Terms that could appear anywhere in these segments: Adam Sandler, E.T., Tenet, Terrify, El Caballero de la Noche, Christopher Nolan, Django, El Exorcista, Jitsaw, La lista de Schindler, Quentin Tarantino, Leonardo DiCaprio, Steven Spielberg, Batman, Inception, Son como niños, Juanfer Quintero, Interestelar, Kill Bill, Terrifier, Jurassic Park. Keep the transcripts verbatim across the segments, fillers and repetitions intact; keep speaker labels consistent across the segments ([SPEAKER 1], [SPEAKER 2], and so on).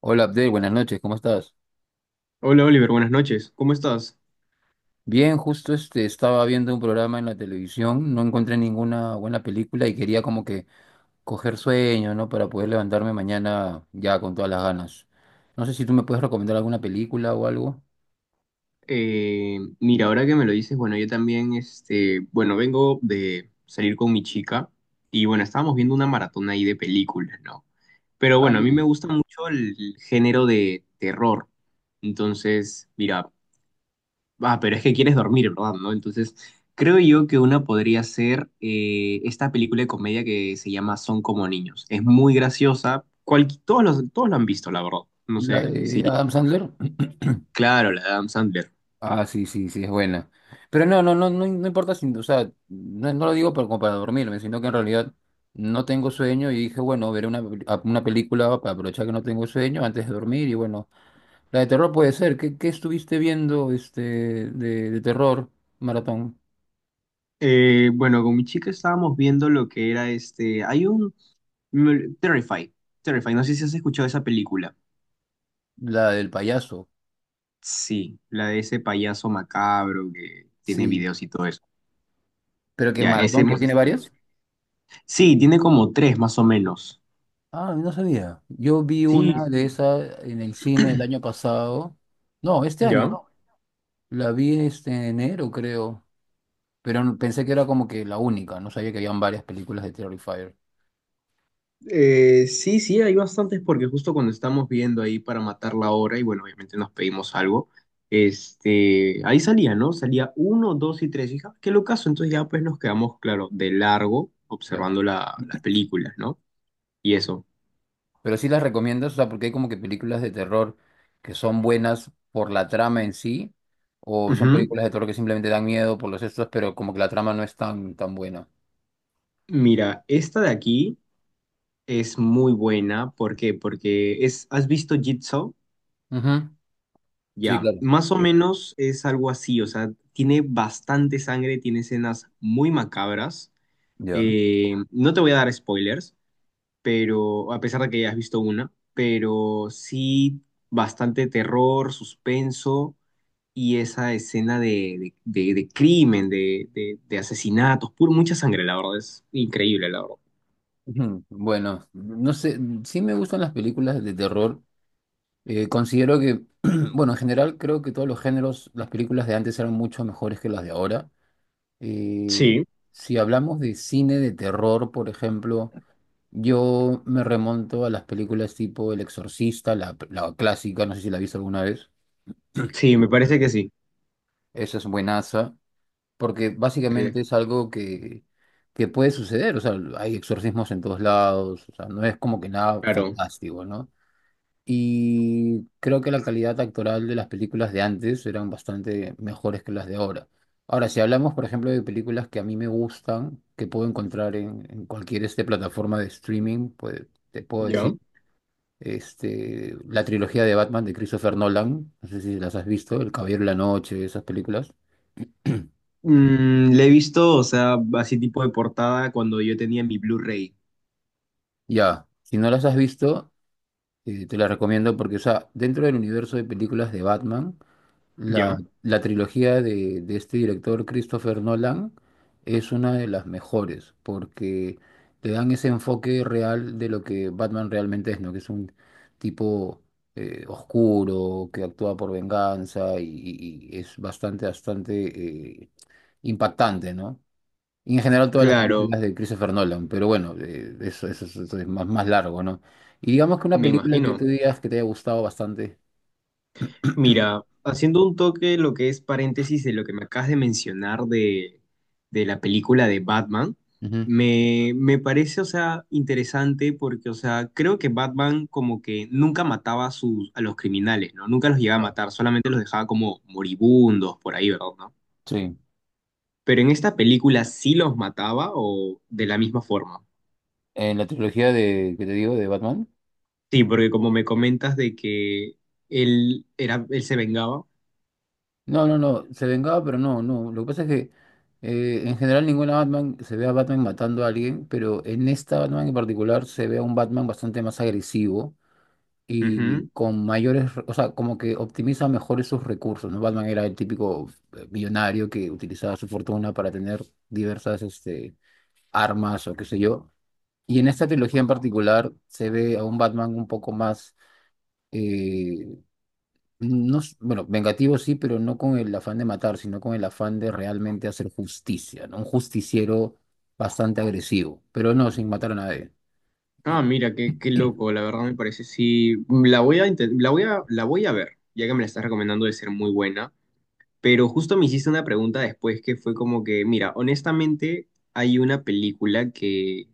[SPEAKER 1] Hola Abdel, buenas noches, ¿cómo estás?
[SPEAKER 2] Hola Oliver, buenas noches. ¿Cómo estás?
[SPEAKER 1] Bien, justo este estaba viendo un programa en la televisión, no encontré ninguna buena película y quería como que coger sueño, ¿no? Para poder levantarme mañana ya con todas las ganas. No sé si tú me puedes recomendar alguna película o algo.
[SPEAKER 2] Eh, mira, ahora que me lo dices, bueno, yo también, este, bueno, vengo de salir con mi chica y bueno, estábamos viendo una maratón ahí de películas, ¿no? Pero
[SPEAKER 1] Ah,
[SPEAKER 2] bueno, a mí me
[SPEAKER 1] miren,
[SPEAKER 2] gusta mucho el género de terror. Entonces, mira, ah, pero es que quieres dormir, ¿verdad? ¿No? Entonces, creo yo que una podría ser eh, esta película de comedia que se llama Son como niños. Es muy graciosa. Cual, todos los, todos lo han visto, la verdad. No
[SPEAKER 1] la
[SPEAKER 2] sé, sí,
[SPEAKER 1] de Adam Sandler.
[SPEAKER 2] claro, la de Adam Sandler.
[SPEAKER 1] Ah, sí, sí, sí, es buena. Pero no, no, no, no, no importa si, o sea, no, no lo digo para, como para dormirme, sino que en realidad no tengo sueño y dije, bueno, veré una, una película para aprovechar que no tengo sueño antes de dormir y bueno. La de terror puede ser. ¿Qué, qué estuviste viendo este, de, de terror, maratón?
[SPEAKER 2] Eh, bueno, con mi chica estábamos viendo lo que era este. Hay un. me- Terrify. Terrify. No sé si has escuchado esa película.
[SPEAKER 1] La del payaso,
[SPEAKER 2] Sí, la de ese payaso macabro que tiene
[SPEAKER 1] sí.
[SPEAKER 2] videos y todo eso.
[SPEAKER 1] ¿Pero que
[SPEAKER 2] Ya, ese
[SPEAKER 1] maratón, que
[SPEAKER 2] hemos
[SPEAKER 1] tiene
[SPEAKER 2] estado viendo.
[SPEAKER 1] varias?
[SPEAKER 2] Sí, tiene como tres más o menos.
[SPEAKER 1] Ah, no sabía. Yo vi
[SPEAKER 2] Sí,
[SPEAKER 1] una de
[SPEAKER 2] sí.
[SPEAKER 1] esas en el cine el año pasado. No, este año.
[SPEAKER 2] ¿Ya?
[SPEAKER 1] La vi este, en enero, creo. Pero no- pensé que era como que la única. No sabía que habían varias películas de Terrifier.
[SPEAKER 2] Eh, sí, sí, hay bastantes porque justo cuando estamos viendo ahí para matar la hora y bueno, obviamente nos pedimos algo, este, ahí salía, ¿no? Salía uno, dos y tres, hija, qué locazo, entonces ya pues nos quedamos, claro, de largo
[SPEAKER 1] Claro.
[SPEAKER 2] observando la- las películas, ¿no? Y eso.
[SPEAKER 1] Pero sí las recomiendas, o sea, porque hay como que películas de terror que son buenas por la trama en sí, o son
[SPEAKER 2] Ujú.
[SPEAKER 1] películas de terror que simplemente dan miedo por los estos, pero como que la trama no es tan, tan buena.
[SPEAKER 2] Mira, esta de aquí es muy buena, ¿por qué? Porque es, ¿has visto Jitsaw?
[SPEAKER 1] Ujú. Sí,
[SPEAKER 2] Ya,
[SPEAKER 1] claro.
[SPEAKER 2] más o menos es algo así, o sea, tiene bastante sangre, tiene escenas muy macabras.
[SPEAKER 1] Ya.
[SPEAKER 2] Eh, no te voy a dar spoilers, pero a pesar de que ya has visto una, pero sí bastante terror, suspenso y esa escena de, de- de- de crimen, de, de- de asesinatos, puro, mucha sangre, la verdad, es increíble, la verdad.
[SPEAKER 1] Ujú. Bueno, no sé, sí me gustan las películas de terror. Eh, considero que, bueno, en general creo que todos los géneros, las películas de antes eran mucho mejores que las de ahora. Eh,
[SPEAKER 2] Sí,
[SPEAKER 1] si hablamos de cine de terror, por ejemplo. Yo me remonto a las películas tipo El Exorcista, la, la clásica, no sé si la viste alguna vez.
[SPEAKER 2] sí, me parece que sí.
[SPEAKER 1] Esa es buenaza, porque
[SPEAKER 2] Eh,
[SPEAKER 1] básicamente es algo que, que puede suceder. O sea, hay exorcismos en todos lados, o sea, no es como que nada
[SPEAKER 2] claro,
[SPEAKER 1] fantástico, ¿no? Y creo que la calidad actoral de las películas de antes eran bastante mejores que las de ahora. Ahora, si hablamos, por ejemplo, de películas que a mí me gustan, que puedo encontrar en, en cualquier este plataforma de streaming, pues te puedo decir.
[SPEAKER 2] yo.
[SPEAKER 1] Este, la trilogía de Batman de Christopher Nolan, no sé si las has visto, El Caballero de la Noche, esas películas.
[SPEAKER 2] Mm, le he visto, o sea, así tipo de portada cuando yo tenía mi Blu-ray.
[SPEAKER 1] Ya, si no las has visto, eh, te las recomiendo porque, o sea, dentro del universo de películas de Batman, la,
[SPEAKER 2] Yo.
[SPEAKER 1] la trilogía de, de este director Christopher Nolan es una de las mejores porque te dan ese enfoque real de lo que Batman realmente es, ¿no? Que es un tipo eh, oscuro, que actúa por venganza y, y- y es bastante, bastante... eh, impactante, ¿no? Y en general todas las
[SPEAKER 2] Claro,
[SPEAKER 1] películas de Christopher Nolan, pero bueno, eh, eso, eso, eso eso es más, más largo, ¿no? Y digamos que una
[SPEAKER 2] me
[SPEAKER 1] película que
[SPEAKER 2] imagino.
[SPEAKER 1] tú digas que te haya gustado bastante.
[SPEAKER 2] Mira, haciendo un toque lo que es paréntesis de lo que me acabas de mencionar de, de la película de Batman,
[SPEAKER 1] Ujú.
[SPEAKER 2] me, me parece, o sea, interesante porque, o sea, creo que Batman como que nunca mataba a, sus, a los criminales, ¿no? Nunca los llegaba a
[SPEAKER 1] No.
[SPEAKER 2] matar, solamente los dejaba como moribundos por ahí, ¿verdad? ¿No?
[SPEAKER 1] Sí.
[SPEAKER 2] Pero en esta película sí los mataba o de la misma forma.
[SPEAKER 1] En la trilogía de, que te digo, de Batman.
[SPEAKER 2] Sí, porque como me comentas de que él, era, él se vengaba.
[SPEAKER 1] No, no, no, se vengaba, pero no, no. Lo que pasa es que eh, en general ninguna Batman se ve a Batman matando a alguien, pero en esta Batman en particular se ve a un Batman bastante más agresivo y
[SPEAKER 2] Ujú.
[SPEAKER 1] con mayores, o sea, como que optimiza mejor esos recursos, ¿no? Batman era el típico eh, millonario que utilizaba su fortuna para tener diversas este, armas o qué sé yo. Y en esta trilogía en particular se ve a un Batman un poco más, eh, no, s- bueno, vengativo sí, pero no con el afán de matar, sino con el afán de realmente hacer justicia, ¿no? Un justiciero bastante agresivo, pero no sin matar a nadie.
[SPEAKER 2] Ah, mira, qué, qué loco, la verdad me parece. Sí, mm, la voy a, inten- la voy a, la voy a ver, ya que me la estás recomendando de ser muy buena. Pero justo me hiciste una pregunta después que fue como que, mira, honestamente hay una película que,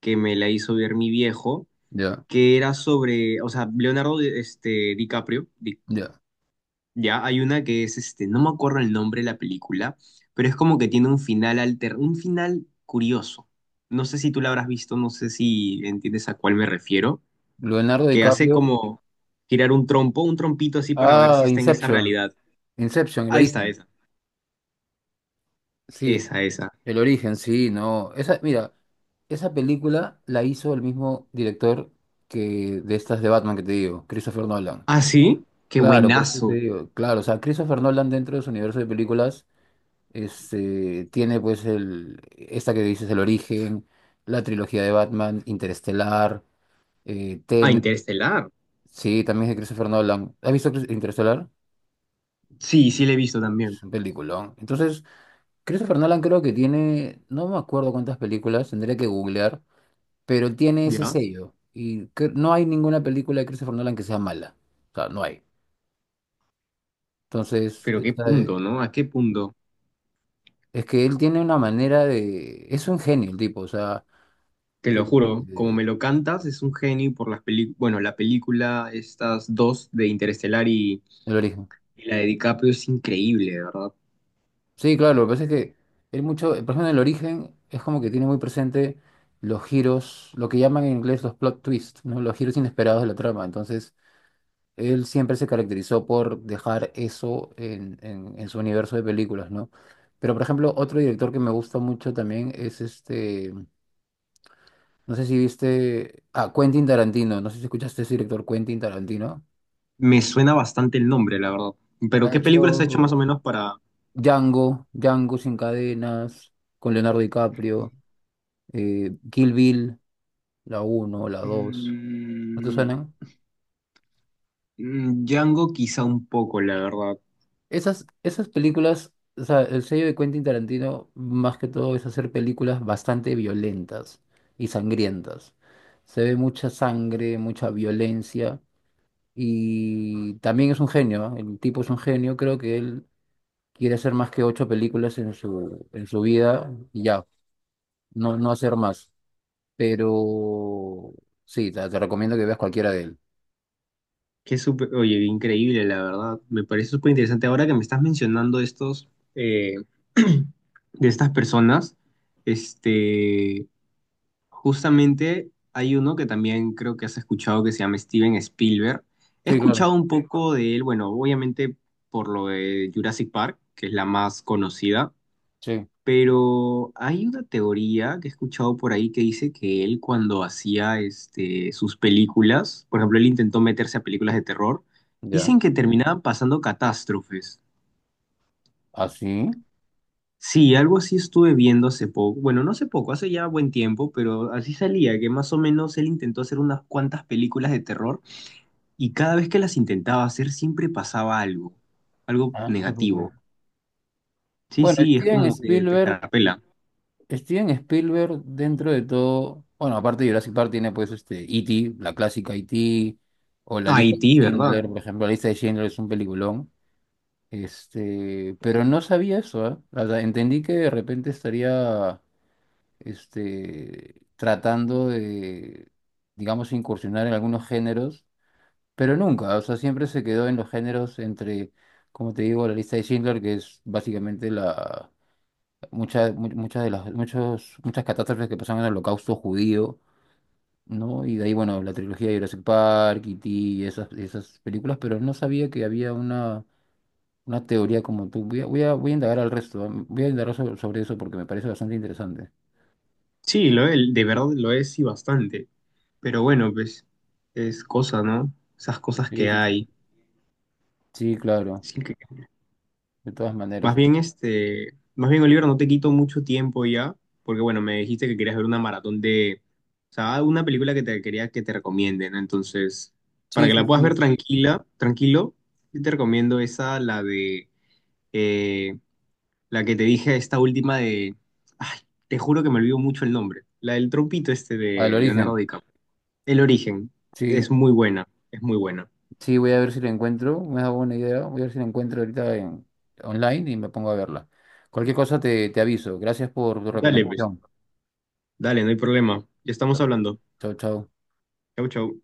[SPEAKER 2] que me la hizo ver mi viejo,
[SPEAKER 1] Ya,
[SPEAKER 2] que era sobre, o sea, Leonardo este, DiCaprio, Di-
[SPEAKER 1] ya.
[SPEAKER 2] ya, hay una que es, este, no me acuerdo el nombre de la película, pero es como que tiene un final alter, un final curioso. No sé si tú la habrás visto, no sé si entiendes a cuál me refiero
[SPEAKER 1] Leonardo
[SPEAKER 2] que hace
[SPEAKER 1] DiCaprio.
[SPEAKER 2] como girar un trompo, un trompito así para ver si
[SPEAKER 1] Ah,
[SPEAKER 2] está en esa
[SPEAKER 1] Inception.
[SPEAKER 2] realidad.
[SPEAKER 1] Inception, el
[SPEAKER 2] Ahí está
[SPEAKER 1] origen.
[SPEAKER 2] esa,
[SPEAKER 1] Sí,
[SPEAKER 2] esa, esa.
[SPEAKER 1] el origen, sí, no. Esa, mira, esa película la hizo el mismo director que de estas de Batman que te digo, Christopher Nolan.
[SPEAKER 2] Ah, sí, qué
[SPEAKER 1] Claro, por Ujú. Eso te
[SPEAKER 2] buenazo.
[SPEAKER 1] digo, claro, o sea, Christopher Nolan dentro de su universo de películas este, tiene pues el, esta que dices, el origen, la trilogía de Batman, Interestelar, eh,
[SPEAKER 2] Ah,
[SPEAKER 1] Tenet,
[SPEAKER 2] Interestelar.
[SPEAKER 1] sí, también es de Christopher Nolan. ¿Has visto Chris- Interestelar?
[SPEAKER 2] Sí, sí, le he visto también.
[SPEAKER 1] Es un peliculón. Entonces, Christopher Nolan creo que tiene, no me acuerdo cuántas películas, tendría que googlear, pero tiene ese
[SPEAKER 2] Ya,
[SPEAKER 1] sello. Y cre- no hay ninguna película de Christopher Nolan que sea mala. O sea, no hay. Entonces,
[SPEAKER 2] pero qué
[SPEAKER 1] esta de-
[SPEAKER 2] punto, ¿no? ¿A qué punto?
[SPEAKER 1] es que él tiene una manera de... Es un genio el tipo, o sea,
[SPEAKER 2] Te
[SPEAKER 1] eh,
[SPEAKER 2] lo
[SPEAKER 1] eh,
[SPEAKER 2] juro, como
[SPEAKER 1] eh,
[SPEAKER 2] me lo cantas, es un genio por las películas. Bueno, la película, estas dos de Interestelar y,
[SPEAKER 1] el origen.
[SPEAKER 2] y la de DiCaprio es increíble, de verdad.
[SPEAKER 1] Sí, claro, lo que pasa es que él mucho, por ejemplo, en el origen es como que tiene muy presente los giros, lo que llaman en inglés los plot twists, ¿no? Los giros inesperados de la trama. Entonces... Él siempre se caracterizó por dejar eso en, en- en su universo de películas, ¿no? Pero, por ejemplo, otro director que me gusta mucho también es este, no sé si viste, ah, Quentin Tarantino, no sé si escuchaste ese director Quentin Tarantino.
[SPEAKER 2] Me suena bastante el nombre, la verdad. Pero
[SPEAKER 1] Ha
[SPEAKER 2] ¿qué películas ha hecho más o
[SPEAKER 1] hecho
[SPEAKER 2] menos para,
[SPEAKER 1] Django, Django sin cadenas, con Leonardo DiCaprio, eh, Kill Bill, la uno, la dos, ¿no te
[SPEAKER 2] mm,
[SPEAKER 1] suenan?
[SPEAKER 2] mm, Django quizá un poco, la verdad.
[SPEAKER 1] Esas, esas películas, o sea, el sello de Quentin Tarantino más que todo es hacer películas bastante violentas y sangrientas. Se ve mucha sangre, mucha violencia y también es un genio, ¿ah? El tipo es un genio, creo que él quiere hacer más que ocho películas en su, en su vida y ya, no, no hacer más. Pero sí, te, te recomiendo que veas cualquiera de él.
[SPEAKER 2] Que súper, oye, increíble, la verdad. Me parece súper interesante. Ahora que me estás mencionando estos, eh, de estas personas, este, justamente hay uno que también creo que has escuchado que se llama Steven Spielberg. He
[SPEAKER 1] Sí, claro,
[SPEAKER 2] escuchado un poco de él, bueno, obviamente por lo de Jurassic Park, que es la más conocida.
[SPEAKER 1] sí,
[SPEAKER 2] Pero hay una teoría que he escuchado por ahí que dice que él cuando hacía este, sus películas, por ejemplo, él intentó meterse a películas de terror,
[SPEAKER 1] ya.
[SPEAKER 2] dicen que terminaban pasando catástrofes.
[SPEAKER 1] ¿Así? ¿Ah, sí?
[SPEAKER 2] Sí, algo así estuve viendo hace poco, bueno, no hace poco, hace ya buen tiempo, pero así salía, que más o menos él intentó hacer unas cuantas películas de terror y cada vez que las intentaba hacer siempre pasaba algo, algo
[SPEAKER 1] Ah, no te puedo creer.
[SPEAKER 2] negativo. Sí,
[SPEAKER 1] Bueno,
[SPEAKER 2] sí, es
[SPEAKER 1] Steven
[SPEAKER 2] como que te
[SPEAKER 1] Spielberg
[SPEAKER 2] escarapela.
[SPEAKER 1] Steven Spielberg, dentro de todo, bueno, aparte de Jurassic Park, tiene pues este E T, la clásica E T, o la lista
[SPEAKER 2] Haití,
[SPEAKER 1] de
[SPEAKER 2] ¿verdad?
[SPEAKER 1] Schindler, por ejemplo, la lista de Schindler es un peliculón. Este, pero no sabía eso, ¿eh? O sea, entendí que de repente estaría este, tratando de, digamos, incursionar en algunos géneros, pero nunca, o sea, siempre se quedó en los géneros entre, como te digo, la lista de Schindler, que es básicamente la muchas, mu- muchas de las, muchos, muchas catástrofes que pasaron en el holocausto judío, ¿no? Y de ahí, bueno, la trilogía de Jurassic Park, E T y esas, esas películas, pero no sabía que había una, una teoría como tú. Voy a, voy a, voy a indagar al resto, ¿ah? Voy a indagar sobre, sobre eso porque me parece bastante interesante.
[SPEAKER 2] Sí, lo es, de verdad lo es y bastante. Pero bueno, pues es cosa, ¿no? Esas cosas
[SPEAKER 1] Sí,
[SPEAKER 2] que
[SPEAKER 1] sí, sí.
[SPEAKER 2] hay.
[SPEAKER 1] Sí, claro,
[SPEAKER 2] Así que,
[SPEAKER 1] de todas
[SPEAKER 2] más
[SPEAKER 1] maneras.
[SPEAKER 2] bien, este, más bien, Oliver, no te quito mucho tiempo ya, porque bueno, me dijiste que querías ver una maratón de, o sea, una película que te quería que te recomiende, ¿no? Entonces, para
[SPEAKER 1] Sí,
[SPEAKER 2] que la
[SPEAKER 1] sí,
[SPEAKER 2] puedas ver
[SPEAKER 1] sí.
[SPEAKER 2] tranquila, tranquilo, yo te recomiendo esa, la de, eh, la que te dije, esta última de, ay, te juro que me olvido mucho el nombre, la del trompito este
[SPEAKER 1] Al
[SPEAKER 2] de Leonardo
[SPEAKER 1] origen.
[SPEAKER 2] DiCaprio. El origen
[SPEAKER 1] Sí,
[SPEAKER 2] es muy buena, es muy buena.
[SPEAKER 1] sí, voy a ver si la encuentro. Me da buena idea. Voy a ver si la encuentro ahorita en, online y me pongo a verla. Cualquier cosa te, te aviso. Gracias por tu
[SPEAKER 2] Dale, pues,
[SPEAKER 1] recomendación.
[SPEAKER 2] dale, no hay problema. Ya estamos hablando.
[SPEAKER 1] Chau, chau.
[SPEAKER 2] Chau, chau.